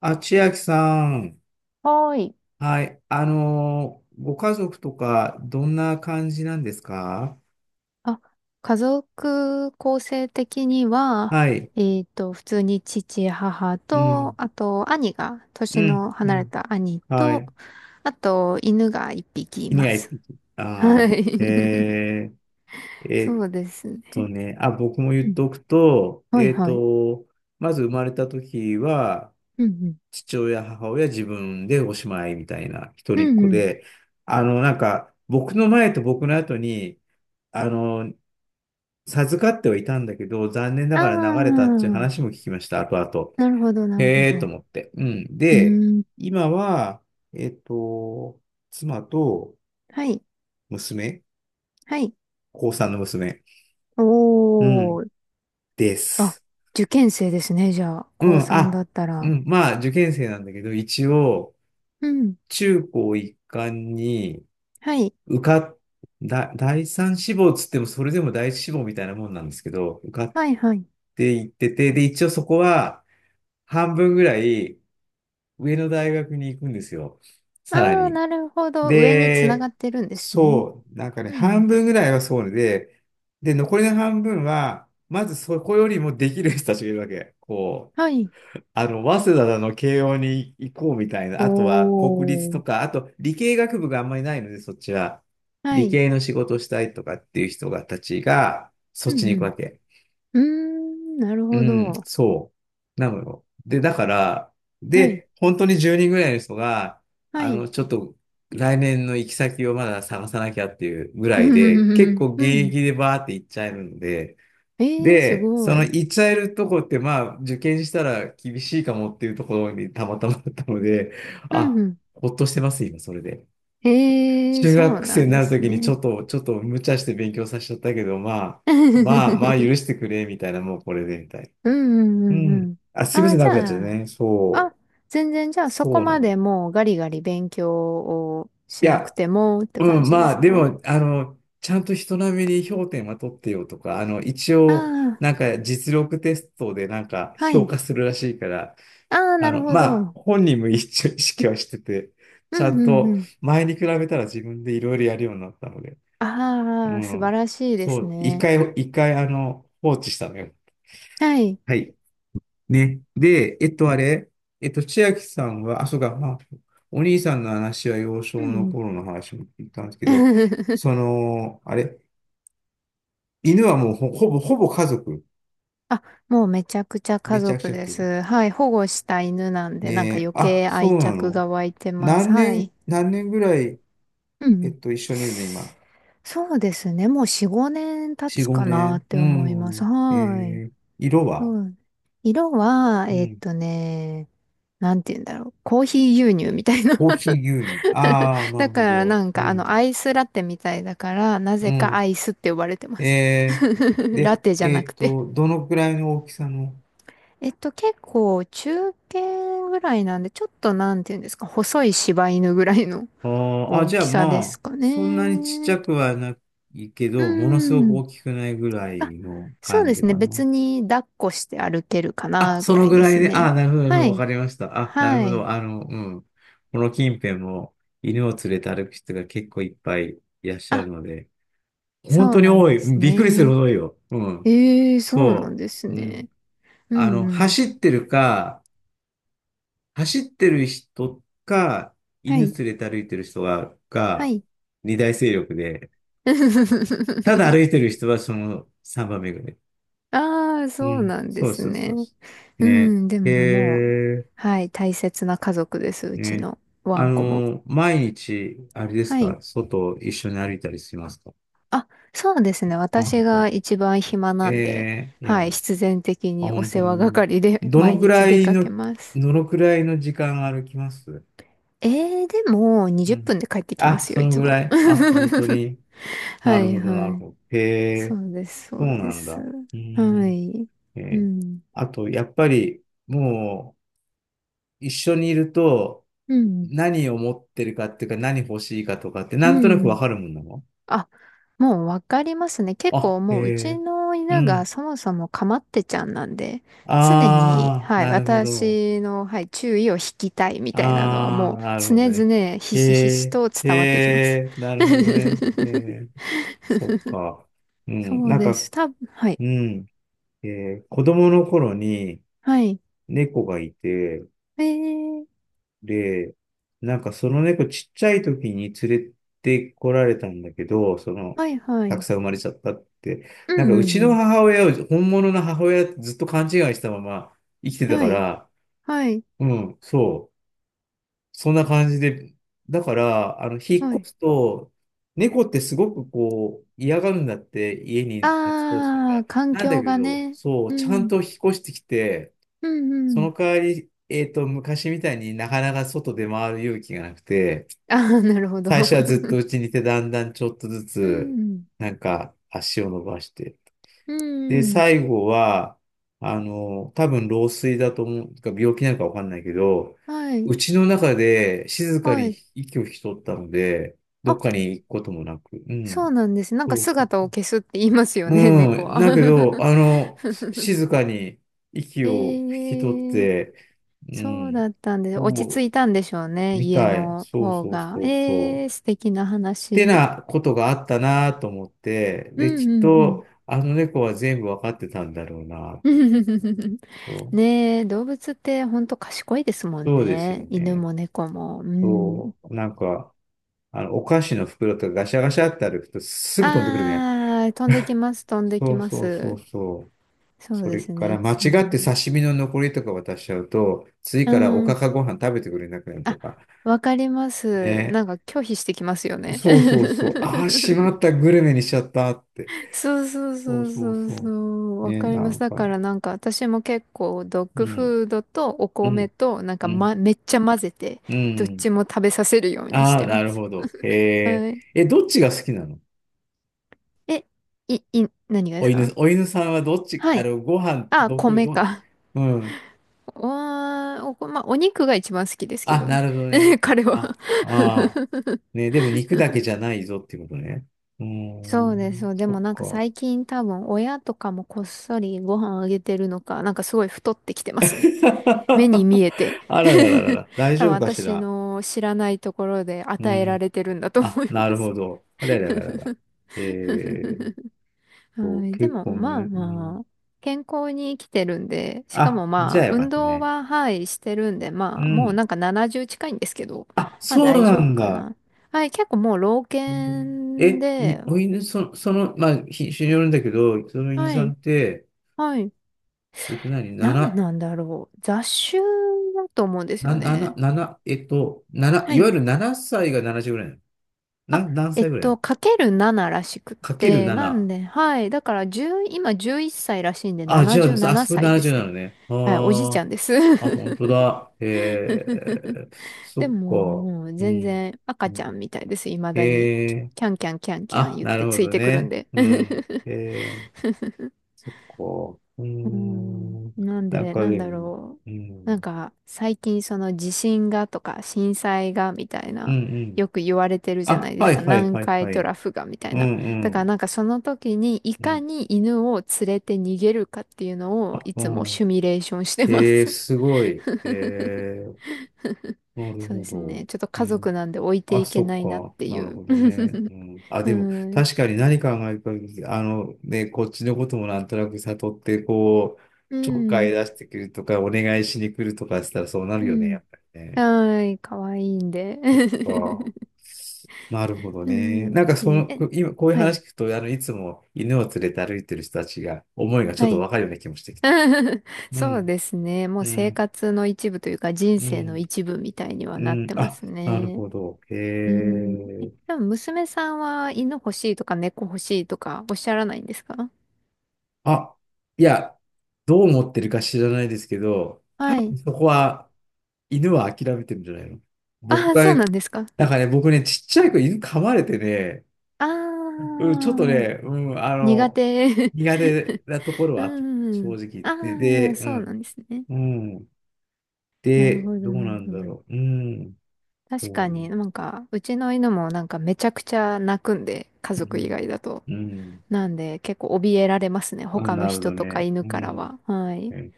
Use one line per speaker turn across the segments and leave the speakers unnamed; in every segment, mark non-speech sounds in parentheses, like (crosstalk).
あ、千秋さん。
はーい。
はい。ご家族とか、どんな感じなんですか？
あ、家族構成的には、
はい。
普通に父、母
う
と、
ん。
あと兄が、
う
年
ん。
の
う
離れ
ん。
た兄
は
と、
い。
あと犬が一匹い
犬
ま
がい
す。は
ああ、
い。(laughs)
ー、
そ
えっ
うですね。
あ、僕も
う
言っ
ん。
とくと、
はいはい。
まず生まれた時は、
うん
父親、母親、自分でおしまいみたいな、一
うん。
人
う
っ
ん
子
うん。
で、僕の前と僕の後に、あの、授かってはいたんだけど、残念な
あ
がら流れたっていう
あ、
話も聞きました、後々。
なるほど、なるほ
へえーと
ど。
思って。うん。
う
で、
ーん。
今は、えっと、妻と
はい。
娘、
はい。
高3の娘、
お
うん、
ー。
で
あ、
す。
受験生ですね、じゃあ。
う
高
ん、
3だ
あ、
った
う
ら。
ん、まあ、受験生なんだけど、一応、
うん。
中高一貫に
はい。
受かっ、だ、第三志望つっても、それでも第一志望みたいなもんなんですけど、受かっ
はいはい。
ていってて、で、一応そこは、半分ぐらい、上の大学に行くんですよ。さら
ああ、
に。
なるほど。上につなが
で、
ってるんですね。
そう、なんかね、
うん。
半分ぐらいはそうで、で、残りの半分は、まずそこよりもできる人たちがいるわけ。
はい。
早稲田の慶応に行こうみたいな、
お
あとは国立
ー。
とか、あと理系学部があんまりないので、そっちは。
は
理
い。
系の仕事したいとかっていう人がたちが、そ
う
っちに行くわ
ん
け。
うん。うーん、なる
う
ほ
ん、
ど。
そう。なのよ。で、だから、
はい。
で、本当に10人ぐらいの人が、
はい。
ちょっと来年の行き先をまだ探さなきゃっていうぐ
う
らい
んう
で、結
ん
構
う
現
んうん。
役でバーって行っちゃえるので、
ええー、す
で、
ご
その
い。
行っちゃえるとこって、まあ、受験したら厳しいかもっていうところにたまたまだったので、
うん
あ、
うん。
ほっとしてます、今、それで。
ええー、
中
そう
学
な
生に
ん
な
で
ると
す
きにち
ね。
ょっと、ちょっと無茶して勉強させちゃったけど、まあ
(laughs)
許してくれ、みたいな、もうこれで、みたい
うんう
な。う
んうんう
ん。
ん。
あ、すいま
あ
せ
あ、
ん、
じ
長くなっちゃ
ゃ
って
あ、
ね。そ
あ、
う。
全然じゃあそこ
そうな
ま
の。
でもうガリガリ勉強を
い
しなく
や、
てもって
う
感
ん、
じで
ま
す
あ、で
か？
も、ちゃんと人並みに評点は取ってよとか、一
あ
応、
あー、
なんか実力テストでなんか
は
評
い。
価するらしいから、
ああ、なるほ
まあ、
ど。
本人も一応意識はしてて、
う
ちゃ
ん
ん
うんう
と
ん。
前に比べたら自分でいろいろやるようになったので、う
ああ、素晴
ん。
らしいで
そ
す
う、一
ね。
回、一回、放置したのよ。
はい。
はい。ね。で、えっと、あれ、えっと、千秋さんは、あ、そうか、まあ、お兄さんの話は幼少
うんう
の
ん。
頃の話も聞いたんですけど、
(laughs)
その、あれ、犬はもうほぼ家族？
あ、もうめちゃくちゃ家
めちゃく
族
ちゃ
で
する。
す。はい。保護した犬なん
ね
で、なんか
え、
余
あ、
計
そ
愛
うな
着
の。
が湧いてます。はい。
何年ぐらい、
うんうん。
一緒にいるの、今？
そうですね。もう4、5年経
4、
つか
5
なっ
年。
て
う
思います。
ん。
はい。
色は？
そう。色は、
うん。
なんて言うんだろう。コーヒー牛乳みたいな。
コーヒー牛乳。
(laughs)
ああ、な
だ
る
か
ほ
ら
ど。
なん
う
かあのア
ん。
イスラテみたいだから、な
う
ぜか
ん。
アイスって呼ばれてます。
え
(laughs) ラ
で、
テじゃなくて。
どのくらいの大きさの？
結構中堅ぐらいなんで、ちょっとなんていうんですか、細い柴犬ぐらいの
あーあ、
大
じゃあ
きさで
ま
す
あ、
か
そんなにちっち
ね。
ゃくはないけ
う
ど、ものすごく
ん。
大きくないぐら
あ、
いの
そう
感
で
じ
すね。
かな。
別に抱っこして歩けるか
あ、
なぐ
そ
ら
の
い
ぐ
で
らい
す
で、あ、
ね。
なるほど、なるほ
は
どわか
い。
りました。あ、なる
は
ほ
い。
ど、うん。この近辺も犬を連れて歩く人が結構いっぱいいらっしゃる
あ、
ので、本
そ
当
う
に
なん
多
で
い。うん、
す
びっくりするほ
ね。
ど多いよ。うん。
ええ、そうなん
そ
です
う。うん。
ね。う
あ
ん
の、
うん。
走ってるか、走ってる人か、
は
犬連
い。
れて歩いてる人が、
は
が、
い。
二大勢力で、ただ歩いて
(laughs)
る人はその三番目ぐらい。
ああ、
う
そう
ん。
なんで
そう
す
そうそ
ね。
うそう。
う
ね。
ん、で
へ
ももう、
え、
はい、大切な家族です、うち
ね。
のワンコも。
毎日、あれです
はい。
か、外一緒に歩いたりしますか？
あ、そうですね。
あ、
私
本
が
当？
一番暇
え
なんで、
え、いや、
はい、必然的
あ、
にお
本当
世話
に。
係で (laughs)
ど
毎
のく
日
ら
出
い
かけ
の、
ます。
どのくらいの時間歩きます？
えでも、
う
20分
ん。
で帰ってきま
あ、
す
そ
よ、い
の
つ
ぐ
も。
ら
(laughs)
い。あ、本当に。な
は
る
い
ほど、
は
なる
い。
ほど。へ
そ
え、
うです、
そ
そ
う
うで
なん
す。
だ。う
は
ん。
い。
え
う
ー
ん。
あと、やっぱり、もう、一緒にいると、
うん。
何を持ってるかっていうか、何欲しいかとかって、
う
なんとなくわ
ん。
かるもんなの？
あ、もうわかりますね。結構
あ、へ
もううち
え、
の
う
犬が
ん。
そもそもかまってちゃんなんで、常に、
ああ、
はい、
なるほど。
私の、はい、注意を引きたいみたいなのは
あ
もう
あ、なる
常
ほどね。
々ひ
へ
しひし
え、
と
へ
伝わってきます。
え、なるほど
(laughs)
ね。へえ、そっか。うん、
そう
なん
で
か、
す。たぶん、はい。
うん、え子供の頃に
はい。
猫がいて、
えー、
で、なんかその猫ちっちゃい時に連れてこられたんだけど、
はいは
たく
い。
さん生まれちゃったって。
う
なんか
ん
う
う
ち
んう
の
ん。
母親を本物の母親ってずっと勘違いしたまま生きてた
は
か
い。
ら、
はい。
うん、そう。そんな感じで。だから、引っ
は
越
い。
すと、猫ってすごく嫌がるんだって、家に夏ポートだか
ああ、
ら。
環
なんだ
境
け
が
ど、
ね。
そう、
う
ちゃん
ん。
と引っ越してきて、
うんう
そ
ん。
の代わり、昔みたいになかなか外で回る勇気がなくて、
ああ、なるほど。
最初はずっと
(laughs)
家にいて、だんだんちょっとず
う
つ、
ん。
なんか足を伸ばして。
う
で、
ん。
最後は、多分老衰だと思う、か病気なのかわかんないけど、
はい。
うちの中で静か
は
に
い。
息を引き取ったので、どっ
あ、
かに行くこともなく、う
そ
ん。
うなんです。なんか
そうそ
姿を
う、
消すって言いますよね、
う
猫
ん。
は。
だけど、
(laughs)
静かに息
え
を引き取っ
ー、
て、う
そう
ん、
だったんです。落ち
お
着
う。
いたんでしょうね、
み
家
たい。
の
そう
方
そう
が。
そうそ
えー、
う。っ
素敵な
て
話。
なことがあったなと思って、
う
で、
ん
きっ
うん
と、あの猫は全部わかってたんだろうな
うん。(laughs)
と。
ねえ、動物ってほんと賢いですもん
そうですよ
ね。犬
ね。
も猫も。うん。
そう。なんか、お菓子の袋とかガシャガシャって歩くとすぐ飛んでくるね。
あー、飛んできます、飛んで
そ
き
う
ま
そうそう
す。
そう。
そう
そ
で
れ
す
か
ね、い
ら間
つ
違って
も。
刺身の残りとか渡しちゃうと、次
う
からおか
ん。
かご飯食べてくれなくなると
あ、
か。
わかります。
ね。
なんか拒否してきますよね。
そうそうそう。
(laughs)
ああ、しまった、グルメにしちゃったって。
そうそう
そ
そ
う
う
そう
そうそ
そ
う。
う。
わ
ね、
かり
な
ます。
ん
だ
か
か
な。
らなんか私も結構ドッ
う
グ
ん、
フードとお
う
米
ん、
となんか、
うん、
ま、めっちゃ混ぜて
う
どっ
ん。
ちも食べさせるようにし
ああ、
て
な
ま
る
す。
ほど。へえ。
はい。
え、どっちが好きなの？
え、い、い、何がですか？
お犬さんはどっち、
はい。
ご飯、
あ、
僕、
米か。
うん。
おー、まあ、お肉が一番好きですけ
あ、
ど
な
ね。
るほどね。
(laughs) 彼
あ、
は
ああ。ね、でも肉だけじゃないぞっていうことね。うー
そうです。そ
ん、
う。で
そ
も
っ
なんか
か。
最近多分親とかもこっそりご飯あげてるのか、なんかすごい太ってきてますね。(laughs) 目に見
(laughs)
えて。
あらららら
(laughs)
ら、大
多分
丈夫かし
私
ら？
の知らないところで
う
与えら
ん。
れてるんだと
あ、
思いま
なる
す。
ほど。あららららら。えー
(laughs) はい。で
結
も
構
まあ
ね。う
ま
ん。
あ、健康に生きてるんで、しかも
あ、じ
ま
ゃ
あ
あよか
運
った
動
ね。
ははい、してるんで、
う
まあもう
ん。
なんか70近いんですけど、
あ、
まあ
そう
大
な
丈夫
ん
か
だ。
な。はい。結構もう老
うん
犬
え、い、
で、
お犬、その、まあ、品種によるんだけど、その犬
は
さん
い。
って、
はい。
何、
何
7、
なんだろう。雑種だと思うんですよ
7、
ね。
7、7、
は
いわ
い。
ゆる7歳が70ぐらいなの。何歳ぐらい
かける7らしくっ
かける
て、なん
7？
で、はい。だから10、今11歳らしいんで
あ、じゃあ、
77
あ、それ
歳で
7う
す
な
ね。
のね。
はい、おじいち
あ
ゃんです。
あ、あ、
(laughs)
本当だ。ええ、
で
そっ
も
か。
もう
う
全
ん。
然
う
赤ちゃ
ん
んみたいです。未だに。
え
キ
え、
キャンキャンキャンキャン
あ、
言っ
な
て
る
つ
ほ
い
ど
てくるん
ね。
で。
うん。ええ、そっか。うー
うん、
ん。
なん
なん
で、
か
なん
で
だ
も、
ろ
う
う。なん
ん。
か、最近その地震がとか震災がみたい
うん、
な、
うん。
よく言われてるじゃな
あ、
いで
は
すか。
い、はい、
南
はい、
海
は
ト
い。
ラフがみたい
うん、
な。
う
だから
ん。
なんかその時にい
う
か
ん。
に犬を連れて逃げるかっていうのを
あ、
い
う
つも
ん。
シミュレーションしてま
ええ、
す。
すごい。ええ、
(laughs)
なる
そう
ほ
です
ど。
ね。ちょっと
う
家
ん
族なんで置いて
あ、
いけ
そっ
ないなっ
か。
てい
なる
う。
ほどね。うん。あ、
(laughs)
でも、
はい。
確かに何考えるか、ね、こっちのこともなんとなく悟って、
う
ちょっかい
ん。
出してくるとか、お願いしに来るとかしたらそうなる
う
よね、
ん。
やっぱりね。
はい。かわいいんで。
ああ。
(laughs)
なるほど
う
ね。なん
ん。
かそ
え、
の、
え、
今、こういう
はい。
話聞くと、いつも犬を連れて歩いてる人たちが、思いがちょ
は
っと
い。
わかるような気もしてきた。
(laughs)
う
そう
ん、
ですね。もう
う
生
ん、
活の一部というか人
う
生の
ん、
一部みたいには
う
なっ
ん。
てま
あ、
す
なる
ね。
ほど。へ
うん。え、
え。
でも娘さんは犬欲しいとか猫欲しいとかおっしゃらないんですか？
あ、いや、どう思ってるか知らないですけど、多
はい。
分そこは犬は諦めてるんじゃないの
あ
僕
あ、
が、
そうなんですか。
僕ね、ちっちゃい子犬噛まれてね、
あ
うん、ちょっと
あ、
ね、うん、あ
苦
の、
手。
苦手なとこ
(laughs)
ろは
う
あった正
ん。
直。
ああ、そうなんですね。
うん。
なる
で、
ほど、
どう
な
な
る
ん
ほ
だ
ど。
ろう。うん、
確
そ
かに
う。
なんか、うちの犬もなんかめちゃくちゃ泣くんで、家
う
族以
ん、
外だと。
うん。
なんで結構怯えられますね。
あ、
他の
なるほ
人
ど
とか
ね。
犬
う
から
ん。
は。はい。
え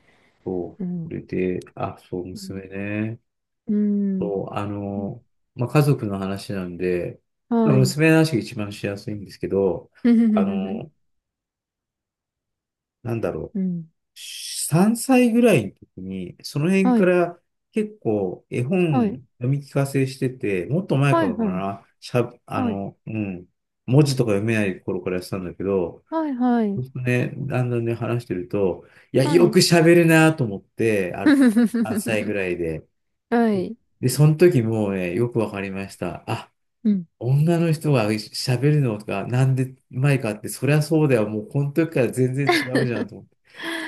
そう。
う
そ
ん。
れで、あ、そう、娘ね。
うん。
そう、あ
うん。
の、まあ、家族の話なんで、ま
は
あ
い。
娘の話が一番しやすいんですけど、あ
(laughs)
の、なんだろう、
うん。
3歳ぐらいの時に、その辺
は
か
い。
ら結構絵
はい。
本読み聞かせしてて、もっと前
は
か
い。
らか
はい。
な、しゃ、あ
はい。
の、うん、文字とか読めない頃からやってたんだけど、
はい。は
そ
い。
うするとね、だんだんね、話してると、いや、
は
よ
い。
く喋るなと思って、ある時、3歳ぐ
(laughs)
らいで、
はい。
で、その時もうね、よくわかりました。
うん。
女の人が喋るのがなんでうまいかって、そりゃそうだよ。もうこの時から全然違うじゃんと思って。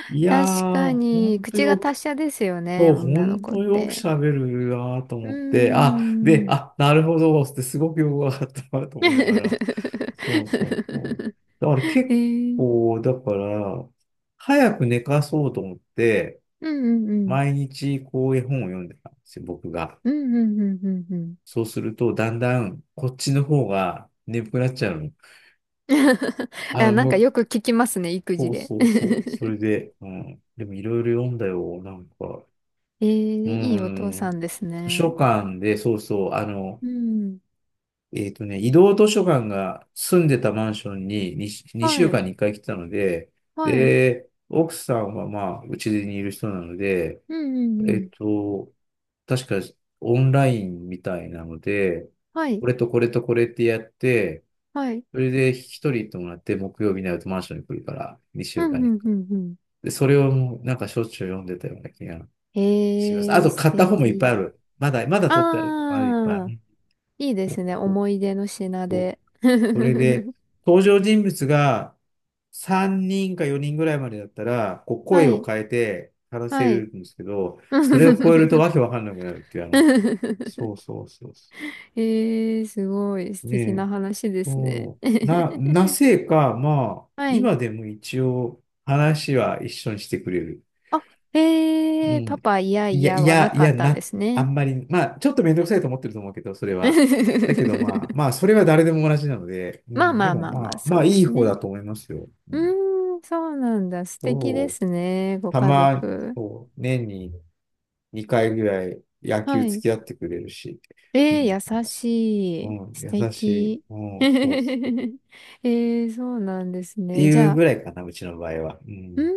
いや
確
ー、
か
ほ
に、
んと
口が
よく、
達者ですよね、
そう、ほ
女の
ん
子っ
とよく
て。
喋るなーと
うー
思って、
ん。
なるほど、ってすごくよくわかったなと
(laughs)
思
え
いながら。そうそうそう。だから結
ー、
だから、早く寝かそうと思って、
うんうんうん。
毎日こう絵本を読んでたんですよ、僕が。
うんうんうんうんうん。
そうすると、だんだんこっちの方が眠くなっちゃうの。
(laughs)
あ
あ、
の、
なんか
向
よく聞きますね、育
そ
児
う
で。
そうそう。それ
(laughs)
で、うん。でもいろいろ読んだよ。
えー、
う
いいお父さ
ん。
んです
図書
ね。
館で、そうそう。
うん。
移動図書館が住んでたマンションに2
は
週
い。
間に1回来てたので、
はい。
で、奥さんはまあ、うちにいる人なので、
うんう
え
んう
っ
ん。
と、確かオンラインみたいなので、
は
こ
い。
れとこれとこれってやって、
はい。
それで一人行ってもらって、木曜日になるとマンションに来るから、2
う
週
ん
間
う
に
んうんうん。
で、それをもうなんかしょっちゅう読んでたような気が
え
します。あ
ー、
と
素
買った本もいっぱいあ
敵。
る。まだ、まだ取ってある。あるいっぱい
あー、
ね。
いいで
そう
すね。
そう
思い出の品
そう
で。(laughs)
それで、登場人物が3人か4人ぐらいまでだったら、こう
は
声を
い。
変えて話せ
はい。
るんですけど、それを超えるとわけわかんなくなるっていう、そう
(laughs)
そうそうそ
えー、すごい
う。
素
ね
敵
え、
な話ですね。
な
(laughs)
ぜか、まあ、
はい。
今でも一応話は一緒にしてくれる。
あ、
う
えー、パ
ん。
パ、いや
い
い
や、
や
い
はな
や、い
か
や、
ったんで
な、
す
あ
ね。
んまり、まあ、ちょっとめんどくさいと思ってると思うけど、それは。だけど、まあ、まあ、
(laughs)
それは誰でも同じなので、う
まあ
ん、
ま
で
あ
も、
まあま
ま
あ、
あ、
そ
ま
う
あ、
で
いい
す
方
ね。
だと思いますよ。う
う
ん、
ーん、そうなんだ。素敵で
そう、
すね、ご家族。
そう、年に2回ぐらい野球
は
付
い。
き合ってくれるし、見
え
に行く
ー、優
の。
しい。
うん、
素
優しい。
敵。
う
(laughs)
ん、そうそう。っ
えー、そうなんです
て
ね。じ
いう
ゃあ、
ぐらいかな、うちの場合は。う
う
ん、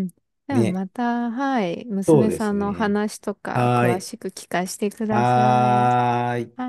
ーん。じゃあ
ね。
また、はい。娘さんのお
ね
話とか
はー
詳
い。
しく聞かせてください。
はーい。
はい。